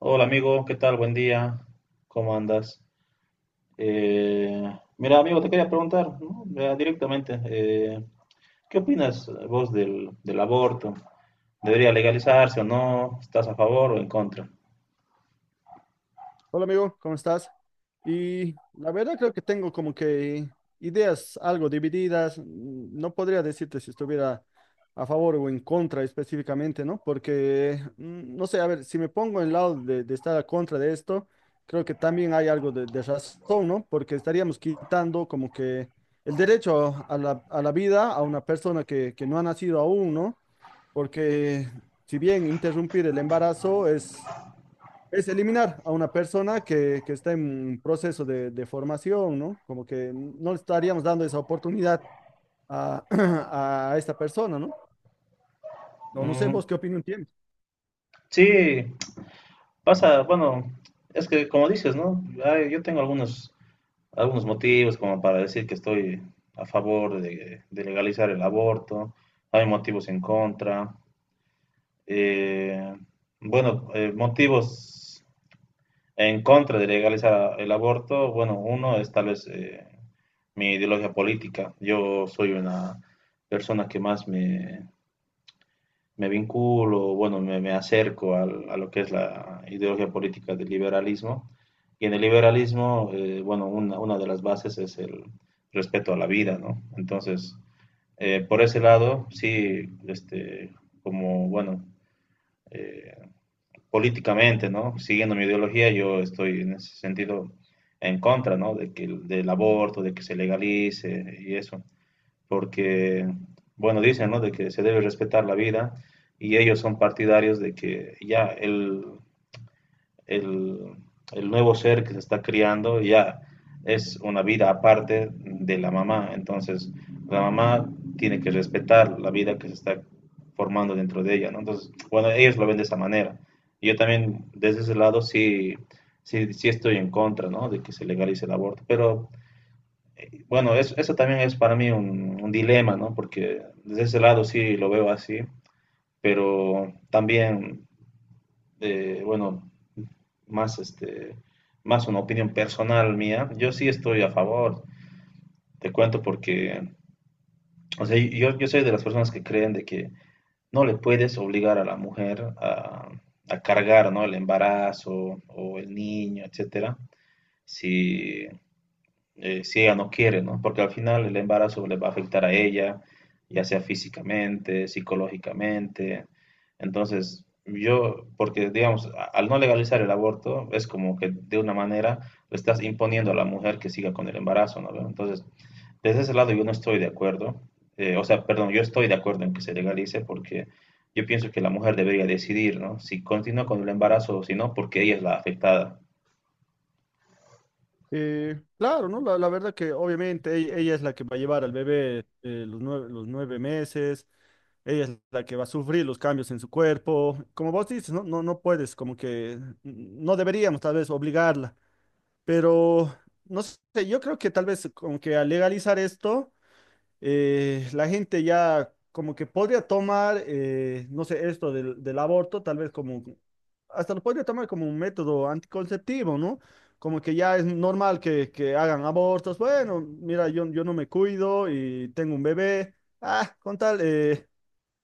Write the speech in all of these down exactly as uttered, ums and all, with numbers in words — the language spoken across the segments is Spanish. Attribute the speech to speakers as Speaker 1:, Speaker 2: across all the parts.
Speaker 1: Hola amigo, ¿qué tal? Buen día, ¿cómo andas? Eh, Mira amigo, te quería preguntar, ¿no? Ya directamente, eh, ¿qué opinas vos del, del aborto? ¿Debería legalizarse o no? ¿Estás a favor o en contra?
Speaker 2: Hola amigo, ¿cómo estás? Y la verdad creo que tengo como que ideas algo divididas. mm, No podría decirte si estuviera a favor o en contra específicamente, ¿no? Porque, mm, no sé, a ver, si me pongo en el lado de, de estar a contra de esto, creo que también hay algo de, de razón, ¿no? Porque estaríamos quitando como que el derecho a la, a la vida a una persona que, que no ha nacido aún, ¿no? Porque si bien interrumpir el embarazo es es eliminar a una persona que, que está en proceso de, de formación, ¿no? Como que no le estaríamos dando esa oportunidad a, a esta persona, ¿no? No, no sé
Speaker 1: Mm,
Speaker 2: vos qué opinión tienes.
Speaker 1: sí, pasa, bueno, es que como dices, ¿no? Ay, yo tengo algunos, algunos motivos como para decir que estoy a favor de, de legalizar el aborto, hay motivos en contra. eh, bueno, eh, motivos en contra de legalizar el aborto, bueno, uno es tal vez eh, mi ideología política. Yo soy una persona que más me, me vinculo, bueno, me, me acerco al- a, lo que es la ideología política del liberalismo. Y en el liberalismo, eh, bueno, una, una de las bases es el respeto a la vida, ¿no? Entonces, eh, por ese lado, sí, este, como, bueno, eh, políticamente, ¿no? Siguiendo mi ideología, yo estoy en ese sentido en contra, ¿no? De que, el- del aborto, de que se legalice y eso, porque, bueno, dicen, ¿no? De que se debe respetar la vida y ellos son partidarios de que ya el, el, el nuevo ser que se está criando ya es una vida aparte de la mamá. Entonces, la mamá tiene que respetar la vida que se está formando dentro de ella, ¿no? Entonces, bueno, ellos lo ven de esa manera. Yo también, desde ese lado, sí, sí, sí estoy en contra, ¿no? De que se legalice el aborto. Pero, bueno, es- eso también es para mí un, un dilema, ¿no? Porque desde ese lado sí lo veo así, pero también de, bueno, más este, más una opinión personal mía, yo sí estoy a favor. Te cuento porque, o sea, yo, yo soy de las personas que creen de que no le puedes obligar a la mujer a, a cargar, ¿no? El embarazo o el niño, etcétera, si, eh, si ella no quiere, ¿no? Porque al final el embarazo le va a afectar a ella, ya sea físicamente, psicológicamente. Entonces, yo, porque digamos, a- al no legalizar el aborto, es como que de una manera le estás imponiendo a la mujer que siga con el embarazo, ¿no? Entonces, desde ese lado yo no estoy de acuerdo. Eh, o sea, perdón, yo estoy de acuerdo en que se legalice porque yo pienso que la mujer debería decidir, ¿no? Si continúa con el embarazo o si no, porque ella es la afectada.
Speaker 2: Eh, claro, ¿no? La, la verdad que obviamente ella, ella es la que va a llevar al bebé eh, los nueve, los nueve meses, ella es la que va a sufrir los cambios en su cuerpo. Como vos dices, no, no, no puedes, como que mm, no deberíamos tal vez obligarla, pero no sé, yo creo que tal vez como que al legalizar esto eh, la gente ya como que podría tomar, eh, no sé, esto del, del aborto, tal vez como, hasta lo podría tomar como un método anticonceptivo, ¿no? Como que ya es normal que, que hagan abortos. Bueno, mira, yo, yo no me cuido y tengo un bebé. Ah, con tal, eh,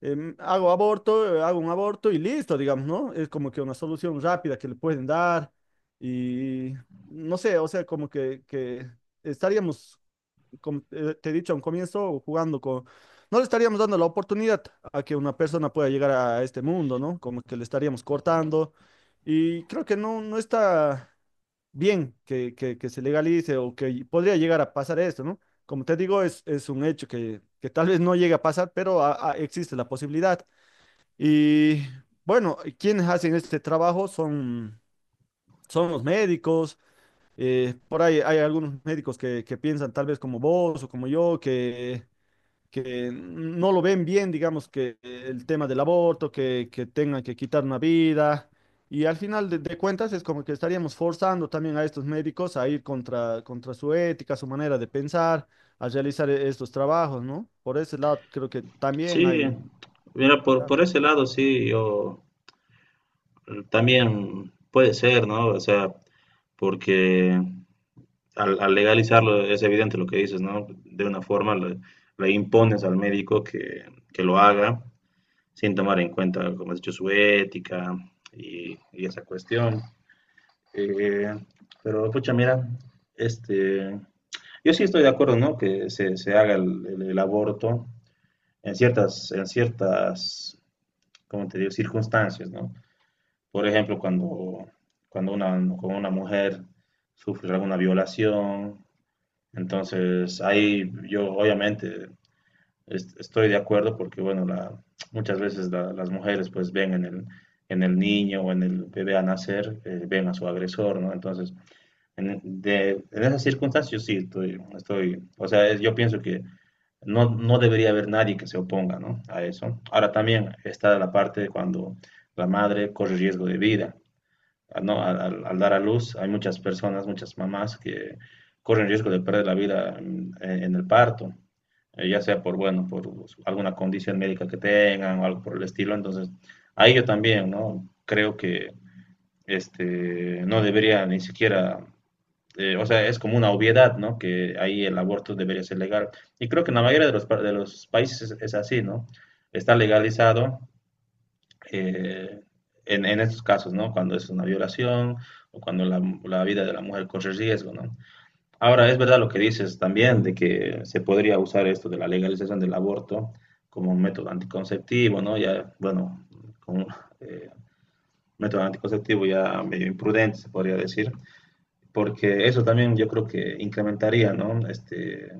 Speaker 2: em, hago aborto, eh, hago un aborto y listo, digamos, ¿no? Es como que una solución rápida que le pueden dar y no sé, o sea, como que, que estaríamos como te te he dicho a un comienzo, jugando con... No le estaríamos dando la oportunidad a que una persona pueda llegar a este mundo, ¿no? Como que le estaríamos cortando. Y creo que no, no está bien que, que- que se legalice o que podría llegar a pasar esto, ¿no? Como te digo, es, es un hecho que, que tal vez no llegue a pasar, pero a- a- existe la posibilidad. Y bueno, quienes hacen este trabajo son, son los médicos. Eh, por ahí hay algunos médicos que, que piensan tal vez como vos o como yo, que que no lo ven bien, digamos, que el tema del aborto, que, que tengan que quitar una vida. Y al final de, de cuentas es como que estaríamos forzando también a estos médicos a ir contra, contra su ética, su manera de pensar, a realizar e- estos trabajos, ¿no? Por ese lado creo que también hay.
Speaker 1: Sí, mira, por, por ese lado sí, yo... Mm, también puede ser, ¿no? O sea, porque al, al legalizarlo es evidente lo que dices, ¿no? De una forma le, le impones al médico que, que lo haga sin tomar en cuenta, como has dicho, su ética y, y esa cuestión. Eh, pero, pucha, mira, este, yo sí estoy de acuerdo, ¿no? Que se, se haga el, el- el aborto en ciertas, en ciertas, ¿cómo te digo? Circunstancias, ¿no? Por ejemplo, cuando, cuando una, cuando una mujer sufre alguna violación, entonces ahí yo obviamente est- estoy de acuerdo porque, bueno, la- muchas veces la- las mujeres pues ven en el, en el niño o en el bebé a nacer, eh, ven a su agresor, ¿no? Entonces, en, de, en esas circunstancias yo sí estoy, estoy, o sea, es- yo pienso que no, no debería haber nadie que se oponga, ¿no? A eso. Ahora también está la parte de cuando la madre corre riesgo de vida a- no, al, al- al dar a luz, hay muchas personas, muchas mamás que corren riesgo de perder la vida en, eh, en el parto, eh, ya sea por, bueno, por alguna condición médica que tengan o algo por el estilo. Entonces, ahí yo también, ¿no? Creo que este, no debería ni siquiera, eh, o sea, es como una obviedad, ¿no? Que ahí el aborto debería ser legal. Y creo que en la mayoría de los, pa- de los países es así, ¿no? Está legalizado eh, en, en estos casos, ¿no? Cuando es una violación o cuando la, la vida de la mujer corre riesgo, ¿no? Ahora, es verdad lo que dices también de que se podría usar esto de la legalización del aborto como un método anticonceptivo, ¿no? Ya, bueno, como eh, método anticonceptivo ya medio imprudente, se podría decir, porque eso también yo creo que incrementaría, ¿no? Este,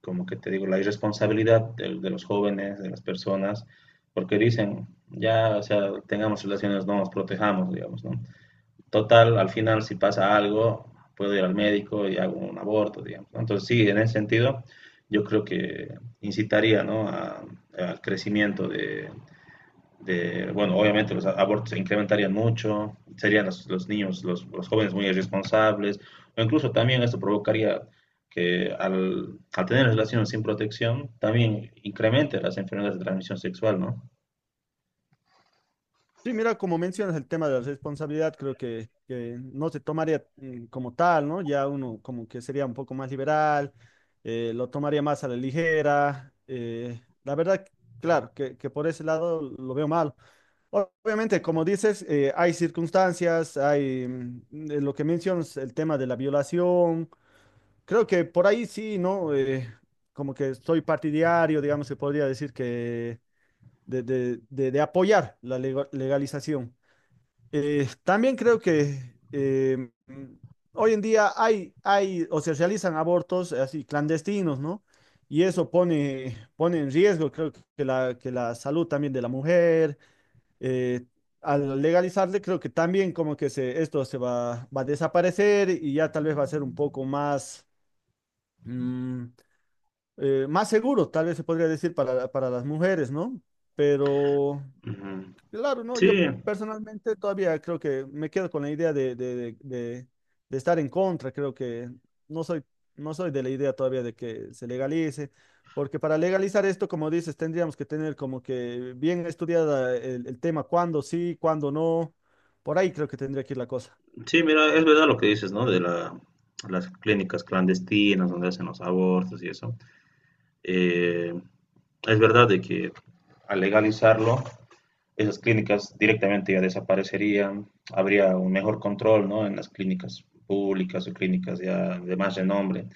Speaker 1: como que te digo, la irresponsabilidad de, de los jóvenes, de las personas, porque dicen, ya, o sea, tengamos relaciones, no nos protejamos, digamos, ¿no? Total, al final, si pasa algo, puedo ir al médico y hago un aborto, digamos. ¿No? Entonces, sí, en ese sentido, yo creo que incitaría, ¿no? A- al crecimiento de, de, bueno, obviamente los abortos se incrementarían mucho, serían los, los niños, los, los, jóvenes muy irresponsables, o incluso también esto provocaría que al, al tener relaciones sin protección, también incremente las enfermedades de transmisión sexual, ¿no?
Speaker 2: Sí, mira, como mencionas el tema de la responsabilidad, creo que, que no se tomaría mm, como tal, ¿no? Ya uno como que sería un poco más liberal, eh, lo tomaría más a la ligera. Eh, la verdad, claro, que, que por ese lado lo veo mal. O- Obviamente, como dices, eh, hay circunstancias, hay mm, eh, lo que mencionas, el tema de la violación. Creo que por ahí sí, ¿no? Eh, como que soy partidario, digamos, se podría decir que de, de de- de apoyar la lego- legalización. Eh, también creo que eh, mm, hoy en día hay, hay o se realizan abortos eh, así clandestinos, ¿no? Y eso pone, pone en riesgo, creo que la, que la salud también de la mujer. eh, Al legalizarle, creo que también como que se, esto se va, va a desaparecer y ya tal vez va a ser un poco más, mm, eh, más seguro, tal vez se podría decir para, para las mujeres, ¿no? Pero...
Speaker 1: Ujú.
Speaker 2: Claro, no,
Speaker 1: Sí,
Speaker 2: yo personalmente todavía creo que me quedo con la idea de, de- de- de- de estar en contra, creo que no soy, no soy de la idea todavía de que se legalice, porque para legalizar esto, como dices, tendríamos que tener como que bien estudiada el, el tema, cuándo sí, cuándo no, por ahí creo que tendría que ir la cosa.
Speaker 1: sí, mira, es verdad lo que dices, ¿no? De la, las clínicas clandestinas donde hacen los abortos y eso. Eh, es verdad de que al legalizarlo esas clínicas directamente ya desaparecerían, habría un mejor control, ¿no? En las clínicas públicas o clínicas ya de más renombre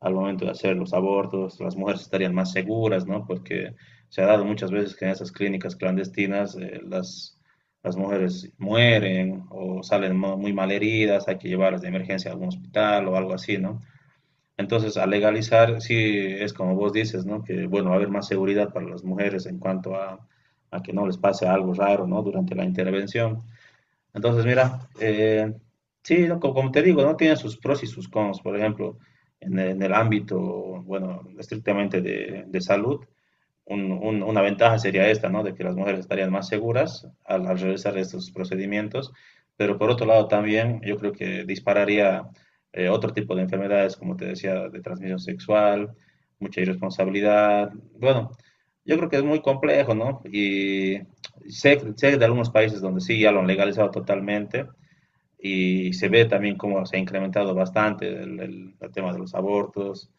Speaker 1: al momento de hacer los abortos, las mujeres estarían más seguras, ¿no? Porque se ha dado muchas veces que en esas clínicas clandestinas eh, las, las mujeres mueren o salen mo- muy mal heridas, hay que llevarlas de emergencia a algún hospital o algo así, ¿no? Entonces, al legalizar, sí es como vos dices, ¿no? Que, bueno, va a haber más seguridad para las mujeres en cuanto a, a que no les pase algo raro, ¿no? Durante la intervención. Entonces, mira, eh, sí, ¿no? Como, como te digo, ¿no? Tiene sus pros y sus cons. Por ejemplo, en el, en el ámbito, bueno, estrictamente de, de salud, un- un- una ventaja sería esta, ¿no? De que las mujeres estarían más seguras al, al realizar estos procedimientos, pero por otro lado también yo creo que dispararía eh, otro tipo de enfermedades, como te decía, de transmisión sexual, mucha irresponsabilidad. Bueno, yo creo que es muy complejo, ¿no? Y sé, sé de algunos países donde sí ya lo han legalizado totalmente y se ve también cómo se ha incrementado bastante el, el- el tema de los abortos.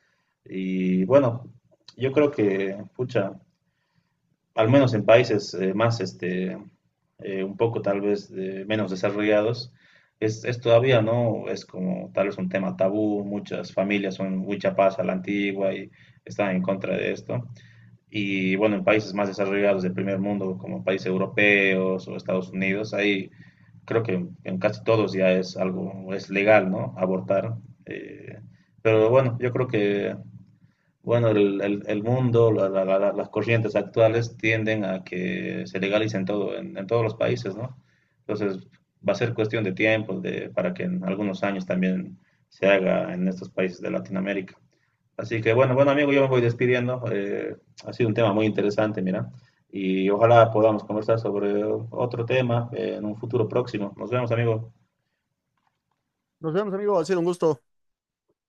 Speaker 1: Y bueno, yo creo que, pucha, al menos en países eh, más, este, eh, un poco tal vez de- menos desarrollados, es, es todavía, ¿no? Es como tal vez un tema tabú, muchas familias son muy chapadas a la antigua y están en contra de esto. Y bueno, en países más desarrollados del primer mundo, como países europeos o Estados Unidos, ahí creo que en, en casi todos ya es algo, es legal, ¿no? Abortar. eh, pero bueno, yo creo que bueno, el, el- el mundo, la- la- la- la- las corrientes actuales tienden a que se legalicen todo, en, en todos los países, ¿no? Entonces, va a ser cuestión de tiempo de, para que en algunos años también se haga en estos países de Latinoamérica. Así que, bueno, bueno, amigo, yo me voy despidiendo. Eh, ha sido un tema muy interesante, mira. Y ojalá podamos conversar sobre otro tema, eh, en un futuro próximo. Nos vemos, amigo.
Speaker 2: Nos vemos, amigo, ha sido un gusto.